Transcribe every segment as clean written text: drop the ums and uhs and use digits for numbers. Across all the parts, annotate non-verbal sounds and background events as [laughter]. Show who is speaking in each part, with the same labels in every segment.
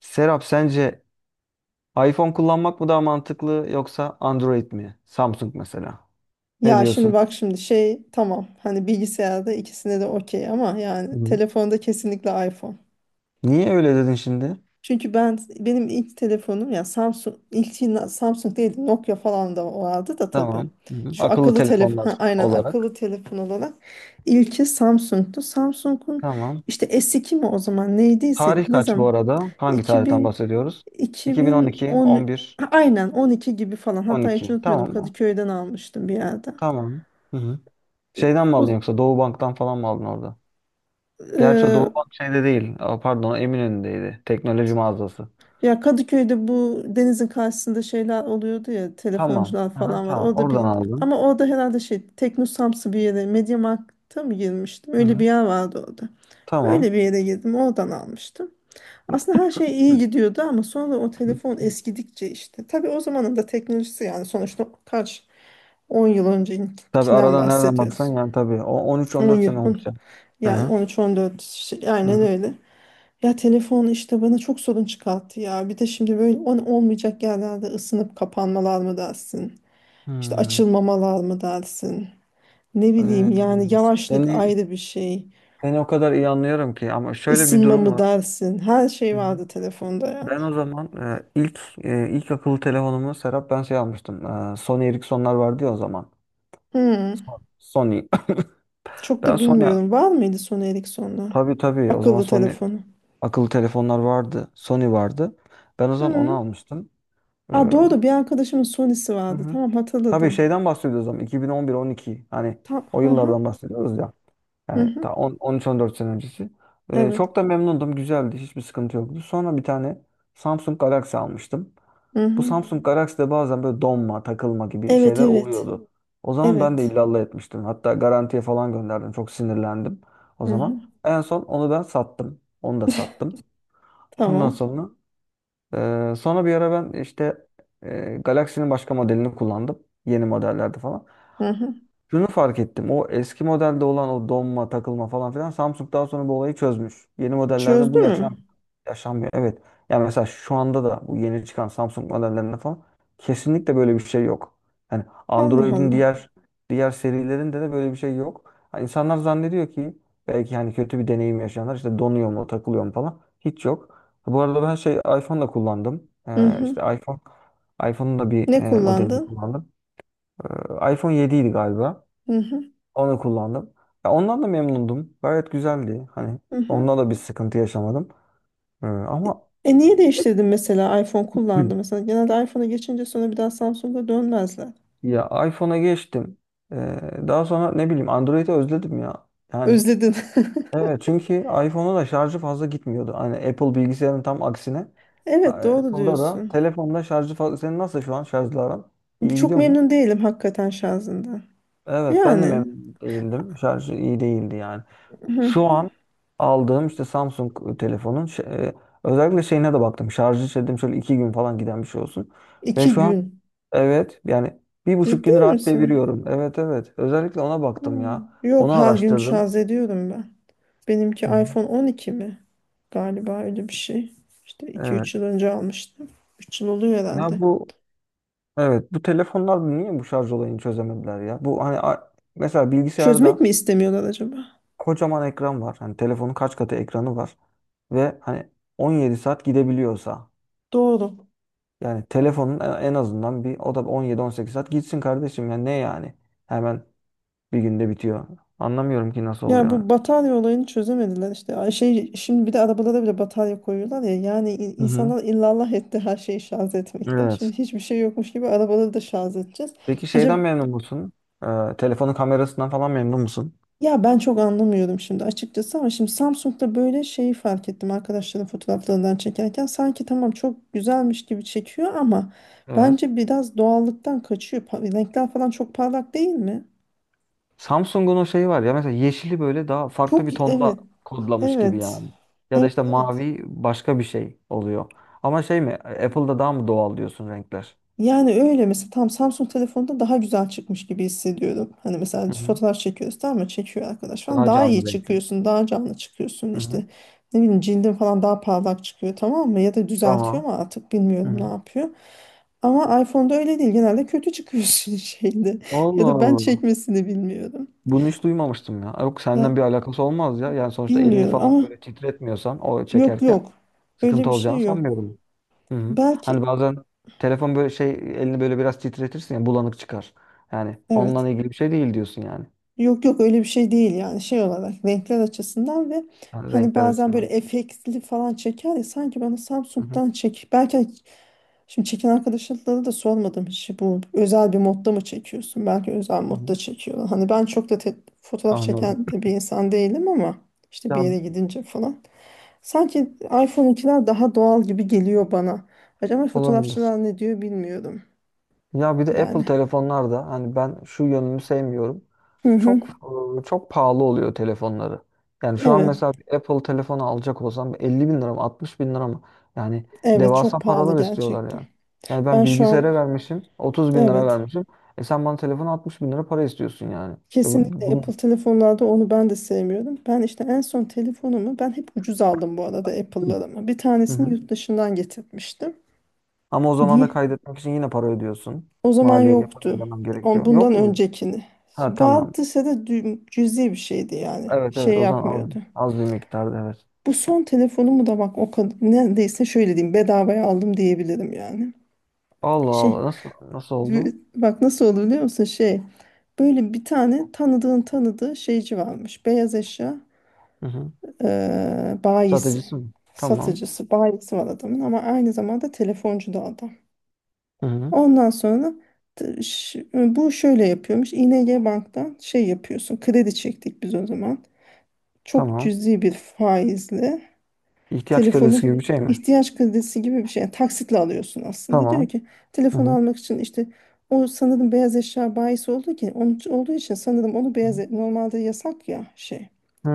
Speaker 1: Serap sence iPhone kullanmak mı daha mantıklı yoksa Android mi? Samsung mesela. Ne
Speaker 2: Ya şimdi
Speaker 1: diyorsun?
Speaker 2: bak şimdi şey tamam hani bilgisayarda ikisine de okey ama yani
Speaker 1: Hı.
Speaker 2: telefonda kesinlikle iPhone.
Speaker 1: Niye öyle dedin şimdi?
Speaker 2: Çünkü benim ilk telefonum ya Samsung, ilk yine Samsung değil, Nokia falan da vardı da tabii.
Speaker 1: Tamam. Hı.
Speaker 2: Şu
Speaker 1: Akıllı
Speaker 2: akıllı telefon
Speaker 1: telefonlar
Speaker 2: ha, aynen
Speaker 1: olarak.
Speaker 2: akıllı telefon olarak ilki Samsung'tu. Samsung'un
Speaker 1: Tamam.
Speaker 2: işte S2 mi o zaman neydiyse,
Speaker 1: Tarih
Speaker 2: ne
Speaker 1: kaç bu
Speaker 2: zaman
Speaker 1: arada? Hangi tarihten
Speaker 2: 2000
Speaker 1: bahsediyoruz? 2012,
Speaker 2: 2010
Speaker 1: 11,
Speaker 2: ha, aynen 12 gibi falan, hatta hiç
Speaker 1: 12.
Speaker 2: unutmuyordum
Speaker 1: Tamam mı?
Speaker 2: Kadıköy'den almıştım bir yerden.
Speaker 1: Tamam. Hı hı.
Speaker 2: E,
Speaker 1: Şeyden mi aldın yoksa Doğu Bank'tan falan mı aldın orada? Gerçi o Doğu
Speaker 2: O,
Speaker 1: Bank şeyde değil. Aa, pardon, Eminönü'ndeydi. Teknoloji mağazası.
Speaker 2: Ya Kadıköy'de bu denizin karşısında şeyler oluyordu ya,
Speaker 1: Tamam.
Speaker 2: telefoncular
Speaker 1: Aha,
Speaker 2: falan var.
Speaker 1: tamam.
Speaker 2: Orada
Speaker 1: Oradan
Speaker 2: bir,
Speaker 1: aldım.
Speaker 2: ama orada herhalde şey Teknosamsı bir yere, Mediamarkt'a mı girmiştim?
Speaker 1: Hı
Speaker 2: Öyle bir
Speaker 1: hı.
Speaker 2: yer vardı orada.
Speaker 1: Tamam.
Speaker 2: Öyle bir yere girdim, oradan almıştım. Aslında her şey iyi gidiyordu ama sonra o
Speaker 1: Hı.
Speaker 2: telefon eskidikçe işte. Tabii o zamanın da teknolojisi, yani sonuçta kaç, 10 yıl
Speaker 1: Tabii
Speaker 2: öncekinden
Speaker 1: arada nereden
Speaker 2: bahsediyoruz.
Speaker 1: baksan yani tabii. O
Speaker 2: 10
Speaker 1: 13-14
Speaker 2: yıl,
Speaker 1: sene
Speaker 2: 10,
Speaker 1: olmuş ya. Hı
Speaker 2: yani
Speaker 1: hı.
Speaker 2: 13-14 şey,
Speaker 1: Hı
Speaker 2: aynen
Speaker 1: hı.
Speaker 2: öyle. Ya telefon işte bana çok sorun çıkarttı ya. Bir de şimdi böyle on olmayacak yerlerde, ısınıp kapanmalar mı dersin? İşte
Speaker 1: Hmm.
Speaker 2: açılmamalar mı dersin? Ne bileyim,
Speaker 1: Ee,
Speaker 2: yani yavaşlık
Speaker 1: Seni,
Speaker 2: ayrı bir şey.
Speaker 1: seni o kadar iyi anlıyorum ki ama şöyle bir
Speaker 2: Isınma
Speaker 1: durum
Speaker 2: mı
Speaker 1: var.
Speaker 2: dersin? Her şey
Speaker 1: Hı hı.
Speaker 2: vardı telefonda yani.
Speaker 1: Ben o zaman ilk akıllı telefonumu Serap ben şey almıştım. Sony Ericssonlar vardı ya o zaman.
Speaker 2: Hmm,
Speaker 1: Sony. [laughs]
Speaker 2: çok
Speaker 1: Ben
Speaker 2: da
Speaker 1: Sony
Speaker 2: bilmiyorum. Var mıydı Sony Ericsson'da?
Speaker 1: tabii tabii o zaman
Speaker 2: Akıllı
Speaker 1: Sony
Speaker 2: telefonu.
Speaker 1: akıllı telefonlar vardı. Sony vardı. Ben o zaman onu
Speaker 2: Hmm.
Speaker 1: almıştım.
Speaker 2: Aa,
Speaker 1: Hı
Speaker 2: doğru, bir arkadaşımın Sony'si vardı.
Speaker 1: hı.
Speaker 2: Tamam,
Speaker 1: Tabii
Speaker 2: hatırladım.
Speaker 1: şeyden bahsediyoruz o zaman 2011-12 hani
Speaker 2: Tam,
Speaker 1: o
Speaker 2: hı hı,
Speaker 1: yıllardan bahsediyoruz ya.
Speaker 2: hı
Speaker 1: Yani
Speaker 2: hı.
Speaker 1: ta 10 13-14 sene öncesi. Ee,
Speaker 2: Evet.
Speaker 1: çok da memnundum. Güzeldi. Hiçbir sıkıntı yoktu. Sonra bir tane Samsung Galaxy almıştım.
Speaker 2: Hı
Speaker 1: Bu
Speaker 2: hı.
Speaker 1: Samsung Galaxy'de bazen böyle donma, takılma gibi
Speaker 2: Evet,
Speaker 1: şeyler
Speaker 2: evet.
Speaker 1: oluyordu. O zaman ben de
Speaker 2: Evet.
Speaker 1: illallah etmiştim. Hatta garantiye falan gönderdim. Çok sinirlendim o
Speaker 2: Hı hı.
Speaker 1: zaman. En son onu ben sattım. Onu da sattım. Ondan
Speaker 2: Tamam.
Speaker 1: sonra bir ara ben işte Galaxy'nin başka modelini kullandım. Yeni modellerde falan.
Speaker 2: Hı hı.
Speaker 1: Şunu fark ettim. O eski modelde olan o donma, takılma falan filan Samsung daha sonra bu olayı çözmüş. Yeni modellerde
Speaker 2: Çözdü
Speaker 1: bu
Speaker 2: mü?
Speaker 1: yaşanmıyor. Evet. Ya mesela şu anda da bu yeni çıkan Samsung modellerinde falan kesinlikle böyle bir şey yok. Yani
Speaker 2: Allah
Speaker 1: Android'in
Speaker 2: Allah.
Speaker 1: diğer serilerinde de böyle bir şey yok. Ha, insanlar zannediyor ki belki hani kötü bir deneyim yaşayanlar işte donuyor mu, takılıyor mu falan. Hiç yok. Bu arada ben şey iPhone da kullandım.
Speaker 2: Hı hı.
Speaker 1: İşte iPhone'un da bir
Speaker 2: Ne
Speaker 1: modelini
Speaker 2: kullandın?
Speaker 1: kullandım. iPhone 7 idi galiba.
Speaker 2: Hı hı.
Speaker 1: Onu kullandım. Ya ondan da memnundum. Gayet güzeldi. Hani
Speaker 2: Hı hı.
Speaker 1: ondan da bir sıkıntı yaşamadım.
Speaker 2: E
Speaker 1: Ama [clears throat]
Speaker 2: Niye değiştirdin mesela, iPhone
Speaker 1: Hı.
Speaker 2: kullandı mesela genelde iPhone'a geçince sonra bir daha Samsung'a dönmezler.
Speaker 1: Ya iPhone'a geçtim. Ee, daha sonra ne bileyim Android'i özledim ya. Yani,
Speaker 2: Özledin. [laughs]
Speaker 1: evet, çünkü iPhone'a da şarjı fazla gitmiyordu. Hani Apple bilgisayarın tam aksine. A-
Speaker 2: Evet, doğru
Speaker 1: Apple'da da
Speaker 2: diyorsun.
Speaker 1: telefonda şarjı fazla. Senin nasıl şu an şarjlı aran? İyi
Speaker 2: Çok
Speaker 1: gidiyor mu?
Speaker 2: memnun değilim hakikaten şarjından.
Speaker 1: Evet ben de
Speaker 2: Yani,
Speaker 1: memnun değildim. Şarjı iyi değildi yani. Şu
Speaker 2: hı.
Speaker 1: an aldığım işte Samsung telefonun özellikle şeyine de baktım. Şarjı dedim şöyle 2 gün falan giden bir şey olsun. Ve
Speaker 2: iki
Speaker 1: şu an,
Speaker 2: gün.
Speaker 1: evet, yani bir buçuk
Speaker 2: Ciddi
Speaker 1: gün rahat
Speaker 2: misin?
Speaker 1: deviriyorum. Evet, evet. Özellikle ona baktım
Speaker 2: Hmm.
Speaker 1: ya. Onu
Speaker 2: Yok, her gün
Speaker 1: araştırdım.
Speaker 2: şarj ediyorum ben. Benimki
Speaker 1: Hı hı.
Speaker 2: iPhone 12 mi? Galiba öyle bir şey. İşte iki
Speaker 1: Evet.
Speaker 2: üç yıl önce almıştım. 3 yıl oluyor
Speaker 1: Ya
Speaker 2: herhalde.
Speaker 1: bu, evet, bu telefonlar niye bu şarj olayını çözemediler ya? Bu hani mesela
Speaker 2: Çözmek mi
Speaker 1: bilgisayarda
Speaker 2: istemiyorlar acaba?
Speaker 1: kocaman ekran var. Hani telefonun kaç katı ekranı var. Ve hani 17 saat gidebiliyorsa
Speaker 2: Doğru.
Speaker 1: yani telefonun en azından bir o da 17-18 saat gitsin kardeşim ya ne yani? Hemen bir günde bitiyor. Anlamıyorum ki nasıl
Speaker 2: Ya
Speaker 1: oluyor.
Speaker 2: bu batarya olayını çözemediler işte. Ay şey, şimdi bir de arabalara bile batarya koyuyorlar ya. Yani
Speaker 1: Hı hı.
Speaker 2: insanlar illallah etti her şeyi şarj etmekten. Şimdi
Speaker 1: Evet.
Speaker 2: hiçbir şey yokmuş gibi arabaları da şarj edeceğiz.
Speaker 1: Peki
Speaker 2: Acaba.
Speaker 1: şeyden memnun musun? Telefonun kamerasından falan memnun musun?
Speaker 2: Ya ben çok anlamıyorum şimdi açıkçası, ama şimdi Samsung'da böyle şeyi fark ettim, arkadaşların fotoğraflarından çekerken sanki tamam çok güzelmiş gibi çekiyor ama
Speaker 1: Evet.
Speaker 2: bence biraz doğallıktan kaçıyor. Renkler falan çok parlak değil mi?
Speaker 1: Samsung'un o şeyi var ya mesela yeşili böyle daha farklı
Speaker 2: Çok,
Speaker 1: bir tonda
Speaker 2: evet,
Speaker 1: kodlamış gibi
Speaker 2: evet,
Speaker 1: yani. Ya da
Speaker 2: evet,
Speaker 1: işte
Speaker 2: evet.
Speaker 1: mavi başka bir şey oluyor. Ama şey mi? Apple'da daha mı doğal diyorsun renkler?
Speaker 2: Yani öyle, mesela tam Samsung telefonda daha güzel çıkmış gibi hissediyorum. Hani mesela
Speaker 1: Hı hı.
Speaker 2: fotoğraf çekiyoruz, tamam mı? Çekiyor arkadaş falan.
Speaker 1: Daha
Speaker 2: Daha iyi
Speaker 1: canlı renkli.
Speaker 2: çıkıyorsun, daha canlı çıkıyorsun.
Speaker 1: Hı hı.
Speaker 2: İşte ne bileyim, cildin falan daha parlak çıkıyor, tamam mı? Ya da düzeltiyor
Speaker 1: Tamam.
Speaker 2: mu artık
Speaker 1: Hı
Speaker 2: bilmiyorum, ne
Speaker 1: hı.
Speaker 2: yapıyor. Ama iPhone'da öyle değil. Genelde kötü çıkıyorsun [laughs] şeyde. Ya
Speaker 1: Allah
Speaker 2: da ben
Speaker 1: Allah.
Speaker 2: çekmesini bilmiyorum.
Speaker 1: Bunu hiç duymamıştım ya. Yok
Speaker 2: Ya
Speaker 1: senden bir alakası olmaz ya. Yani sonuçta elini
Speaker 2: bilmiyorum
Speaker 1: falan
Speaker 2: ama,
Speaker 1: böyle titretmiyorsan o
Speaker 2: yok
Speaker 1: çekerken
Speaker 2: yok. Öyle
Speaker 1: sıkıntı
Speaker 2: bir
Speaker 1: olacağını
Speaker 2: şey yok.
Speaker 1: sanmıyorum. Hı hı.
Speaker 2: Belki.
Speaker 1: Hani bazen telefon böyle şey elini böyle biraz titretirsin ya bulanık çıkar. Yani
Speaker 2: Evet.
Speaker 1: onunla ilgili bir şey değil diyorsun yani.
Speaker 2: Yok yok, öyle bir şey değil, yani şey olarak renkler açısından. Ve
Speaker 1: Yani
Speaker 2: hani
Speaker 1: renkler
Speaker 2: bazen böyle
Speaker 1: açısından.
Speaker 2: efektli falan çeker ya, sanki bana
Speaker 1: Hı hı.
Speaker 2: Samsung'dan çek. Belki hani şimdi çeken arkadaşlara da sormadım hiç, bu özel bir modda mı çekiyorsun? Belki özel
Speaker 1: Hı
Speaker 2: modda
Speaker 1: hı.
Speaker 2: çekiyorlar. Hani ben çok da fotoğraf
Speaker 1: Anladım.
Speaker 2: çeken de bir insan değilim ama işte bir
Speaker 1: Ya
Speaker 2: yere gidince falan. Sanki iPhone'unkiler daha doğal gibi geliyor bana. Acaba
Speaker 1: olabilir.
Speaker 2: fotoğrafçılar ne diyor bilmiyorum
Speaker 1: Ya bir de Apple
Speaker 2: yani.
Speaker 1: telefonlarda hani ben şu yönünü sevmiyorum.
Speaker 2: Hı hı.
Speaker 1: Çok çok pahalı oluyor telefonları. Yani şu an
Speaker 2: Evet.
Speaker 1: mesela bir Apple telefonu alacak olsam 50 bin lira mı 60 bin lira mı? Yani
Speaker 2: Evet, çok
Speaker 1: devasa
Speaker 2: pahalı
Speaker 1: paralar istiyorlar
Speaker 2: gerçekten.
Speaker 1: yani. Yani ben
Speaker 2: Ben şu an.
Speaker 1: bilgisayara vermişim 30 bin lira
Speaker 2: Evet.
Speaker 1: vermişim. E sen bana telefonu 60 bin lira para istiyorsun yani. E bu,
Speaker 2: Kesinlikle
Speaker 1: bunu...
Speaker 2: Apple telefonlarda onu ben de sevmiyorum. Ben işte en son telefonumu, ben hep ucuz aldım bu arada Apple'larımı. Bir
Speaker 1: Hı
Speaker 2: tanesini
Speaker 1: hı.
Speaker 2: yurt dışından getirmiştim.
Speaker 1: Ama o zaman da
Speaker 2: Di.
Speaker 1: kaydetmek için yine para ödüyorsun.
Speaker 2: O zaman
Speaker 1: Maliyeye para
Speaker 2: yoktu.
Speaker 1: ödemem
Speaker 2: On,
Speaker 1: gerekiyor.
Speaker 2: bundan
Speaker 1: Yok muydu?
Speaker 2: öncekini.
Speaker 1: Ha, tamam.
Speaker 2: Vardıysa da cüzi bir şeydi yani.
Speaker 1: Evet, evet,
Speaker 2: Şey
Speaker 1: o zaman az,
Speaker 2: yapmıyordu.
Speaker 1: az bir miktarda evet.
Speaker 2: Bu son telefonumu da bak o kadar, neredeyse şöyle diyeyim, bedavaya aldım diyebilirim yani.
Speaker 1: Allah
Speaker 2: Şey
Speaker 1: Allah. Nasıl oldu?
Speaker 2: Bak nasıl olur biliyor musun, şey, böyle bir tane tanıdığın tanıdığı şeyci varmış. Beyaz eşya
Speaker 1: Hı hı.
Speaker 2: e, bayisi,
Speaker 1: Satıcısı mı? Tamam.
Speaker 2: satıcısı, bayisi var adamın, ama aynı zamanda telefoncu da adam.
Speaker 1: Hı hı.
Speaker 2: Ondan sonra bu şöyle yapıyormuş. ING Bank'tan şey yapıyorsun. Kredi çektik biz o zaman. Çok
Speaker 1: Tamam.
Speaker 2: cüzi bir faizle
Speaker 1: İhtiyaç
Speaker 2: telefonu,
Speaker 1: kredisi gibi bir şey mi?
Speaker 2: ihtiyaç kredisi gibi bir şey. Yani taksitle alıyorsun aslında. Diyor
Speaker 1: Tamam.
Speaker 2: ki
Speaker 1: Hı
Speaker 2: telefonu
Speaker 1: hı.
Speaker 2: almak için işte, o sanırım beyaz eşya bayisi olduğu, ki onun için- olduğu için sanırım onu beyaz e- normalde yasak ya şey.
Speaker 1: Hı.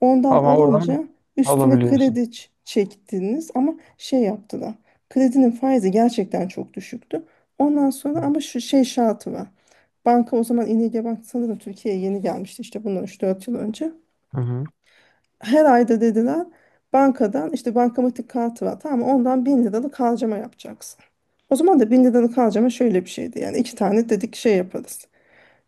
Speaker 2: Ondan
Speaker 1: Ama
Speaker 2: alınca
Speaker 1: oradan
Speaker 2: üstüne kredi
Speaker 1: alabiliyorsun.
Speaker 2: çektiniz, ama şey yaptılar. Kredinin faizi gerçekten çok düşüktü. Ondan sonra ama şu şey şartı var. Banka o zaman İNG Bank sanırım Türkiye'ye yeni gelmişti, işte bundan 3-4 yıl önce.
Speaker 1: Hı hı.
Speaker 2: Her ayda dediler bankadan, işte bankamatik kartı var tamam mı, ondan 1.000 liralık harcama yapacaksın. O zaman da 1.000 liralık harcama şöyle bir şeydi yani, iki tane dedik şey yaparız.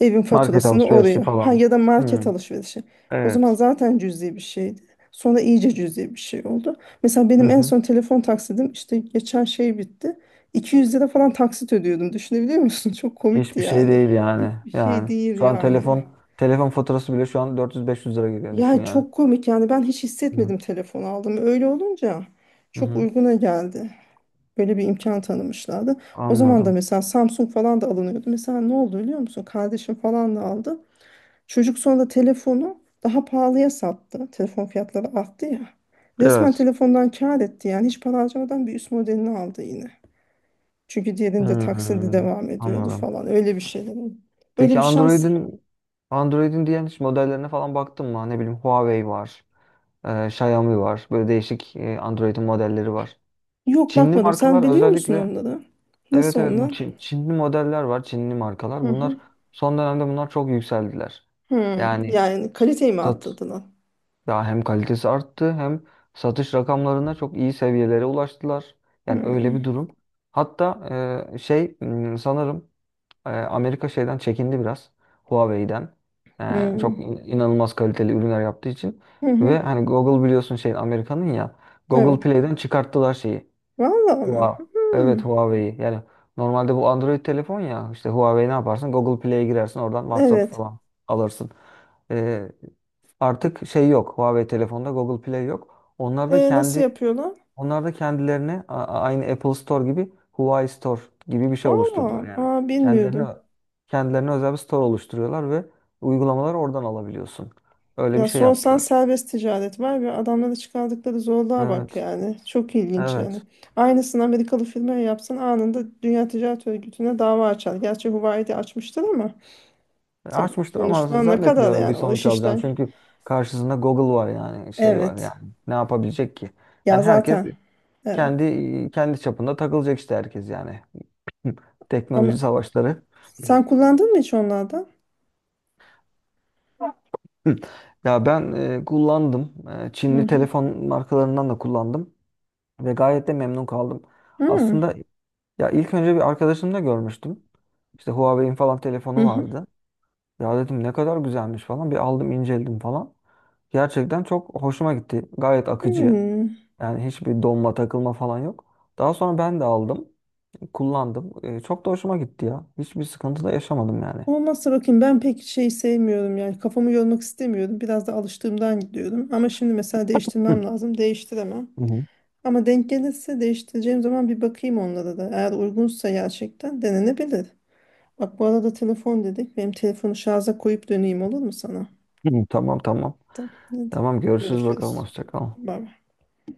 Speaker 2: Evin
Speaker 1: Market
Speaker 2: faturasını
Speaker 1: alışverişi
Speaker 2: oraya. Ha
Speaker 1: falan mı?
Speaker 2: ya da market
Speaker 1: Hı.
Speaker 2: alışverişi. O zaman
Speaker 1: Evet.
Speaker 2: zaten cüzi bir şeydi. Sonra iyice cüzi bir şey oldu. Mesela
Speaker 1: Hı
Speaker 2: benim en
Speaker 1: hı.
Speaker 2: son telefon taksidim işte geçen şey bitti. 200 lira falan taksit ödüyordum. Düşünebiliyor musun? [laughs] Çok komikti
Speaker 1: Hiçbir şey
Speaker 2: yani.
Speaker 1: değil yani.
Speaker 2: Hiçbir şey
Speaker 1: Yani
Speaker 2: değil
Speaker 1: şu an
Speaker 2: yani.
Speaker 1: telefon faturası bile şu an 400-500 lira gidiyor düşün
Speaker 2: Ya
Speaker 1: yani.
Speaker 2: çok komik yani, ben hiç
Speaker 1: Hı
Speaker 2: hissetmedim telefon aldım. Öyle olunca çok
Speaker 1: hı.
Speaker 2: uyguna geldi. Böyle bir imkan tanımışlardı. O zaman da
Speaker 1: Anladım.
Speaker 2: mesela Samsung falan da alınıyordu. Mesela ne oldu biliyor musun? Kardeşim falan da aldı. Çocuk sonra telefonu daha pahalıya sattı. Telefon fiyatları arttı ya. Resmen
Speaker 1: Evet.
Speaker 2: telefondan kâr etti yani, hiç para harcamadan bir üst modelini aldı yine. Çünkü diğerinde taksidi
Speaker 1: Hı.
Speaker 2: devam ediyordu
Speaker 1: Anladım.
Speaker 2: falan, öyle bir şeyler. Öyle
Speaker 1: Peki
Speaker 2: bir şans.
Speaker 1: Android'in diğer hiç modellerine falan baktın mı? Ne bileyim Huawei var, Xiaomi var. Böyle değişik Android'in modelleri var.
Speaker 2: Yok,
Speaker 1: Çinli
Speaker 2: bakmadım. Sen
Speaker 1: markalar
Speaker 2: biliyor musun
Speaker 1: özellikle
Speaker 2: onları?
Speaker 1: evet,
Speaker 2: Nasıl
Speaker 1: evet, bu
Speaker 2: onlar?
Speaker 1: Çinli modeller var, Çinli markalar.
Speaker 2: Hı
Speaker 1: Bunlar
Speaker 2: hı.
Speaker 1: son dönemde bunlar çok yükseldiler.
Speaker 2: Hı.
Speaker 1: Yani
Speaker 2: Yani kaliteyi mi
Speaker 1: sat
Speaker 2: arttırdılar?
Speaker 1: ya hem kalitesi arttı hem satış rakamlarına çok iyi seviyelere ulaştılar. Yani öyle
Speaker 2: Hı.
Speaker 1: bir durum. Hatta şey sanırım Amerika şeyden çekindi biraz. Huawei'den. E,
Speaker 2: Hı.
Speaker 1: çok inanılmaz kaliteli ürünler yaptığı için.
Speaker 2: Hı hı.
Speaker 1: Ve hani Google biliyorsun şey Amerika'nın ya. Google
Speaker 2: Evet.
Speaker 1: Play'den çıkarttılar şeyi.
Speaker 2: Vallahi mi?
Speaker 1: Huawei. Evet,
Speaker 2: Hı.
Speaker 1: Huawei'yi. Yani normalde bu Android telefon ya. İşte Huawei ne yaparsın? Google Play'e girersin. Oradan WhatsApp
Speaker 2: Evet.
Speaker 1: falan alırsın. E, artık şey yok. Huawei telefonda Google Play yok. Onlar da
Speaker 2: E, nasıl
Speaker 1: kendi
Speaker 2: yapıyorlar?
Speaker 1: onlar da kendilerine aynı Apple Store gibi Huawei Store gibi bir şey oluşturdular
Speaker 2: Vallahi.
Speaker 1: yani.
Speaker 2: Aa,
Speaker 1: Kendilerine
Speaker 2: bilmiyordum.
Speaker 1: kendilerine özel bir store oluşturuyorlar ve uygulamaları oradan alabiliyorsun. Öyle bir
Speaker 2: Ya
Speaker 1: şey
Speaker 2: sorsan
Speaker 1: yaptılar.
Speaker 2: serbest ticaret var, ve adamlara çıkardıkları zorluğa bak
Speaker 1: Evet.
Speaker 2: yani. Çok ilginç yani.
Speaker 1: Evet.
Speaker 2: Aynısını Amerikalı firmaya yapsan anında Dünya Ticaret Örgütü'ne dava açar. Gerçi Huawei'de açmıştır ama tabii
Speaker 1: Açmıştır ama
Speaker 2: sonuçlar ne kadar,
Speaker 1: zannetmiyorum bir
Speaker 2: yani o iş
Speaker 1: sonuç alacağını.
Speaker 2: işten.
Speaker 1: Çünkü karşısında Google var yani şey var
Speaker 2: Evet.
Speaker 1: yani. Ne yapabilecek ki?
Speaker 2: Ya
Speaker 1: Yani herkes
Speaker 2: zaten. Evet.
Speaker 1: kendi kendi çapında takılacak işte herkes yani. [laughs] Teknoloji
Speaker 2: Ama
Speaker 1: savaşları.
Speaker 2: sen kullandın mı hiç onlardan?
Speaker 1: Hı. Ya ben kullandım.
Speaker 2: Hı
Speaker 1: Çinli
Speaker 2: hı.
Speaker 1: telefon markalarından da kullandım ve gayet de memnun kaldım.
Speaker 2: Hı
Speaker 1: Aslında ya ilk önce bir arkadaşımda görmüştüm. İşte Huawei'in falan
Speaker 2: hı.
Speaker 1: telefonu
Speaker 2: Hı.
Speaker 1: vardı. Ya dedim ne kadar güzelmiş falan. Bir aldım inceledim falan. Gerçekten çok hoşuma gitti. Gayet akıcı.
Speaker 2: Hmm.
Speaker 1: Yani hiçbir donma takılma falan yok. Daha sonra ben de aldım. Kullandım. Çok da hoşuma gitti ya. Hiçbir sıkıntı da yaşamadım yani.
Speaker 2: Olmazsa bakayım, ben pek şey sevmiyorum yani, kafamı yormak istemiyorum. Biraz da alıştığımdan gidiyorum. Ama şimdi mesela değiştirmem
Speaker 1: Hı.
Speaker 2: lazım. Değiştiremem.
Speaker 1: Hı hı.
Speaker 2: Ama denk gelirse değiştireceğim zaman bir bakayım onlara da. Eğer uygunsa gerçekten denenebilir. Bak bu arada telefon dedik. Benim telefonu şarja koyup döneyim, olur mu sana?
Speaker 1: Hı hı. Tamam, tamam.
Speaker 2: Tamam. Hadi.
Speaker 1: Tamam, görüşürüz bakalım.
Speaker 2: Görüşürüz.
Speaker 1: Hoşça kal.
Speaker 2: Bay bay.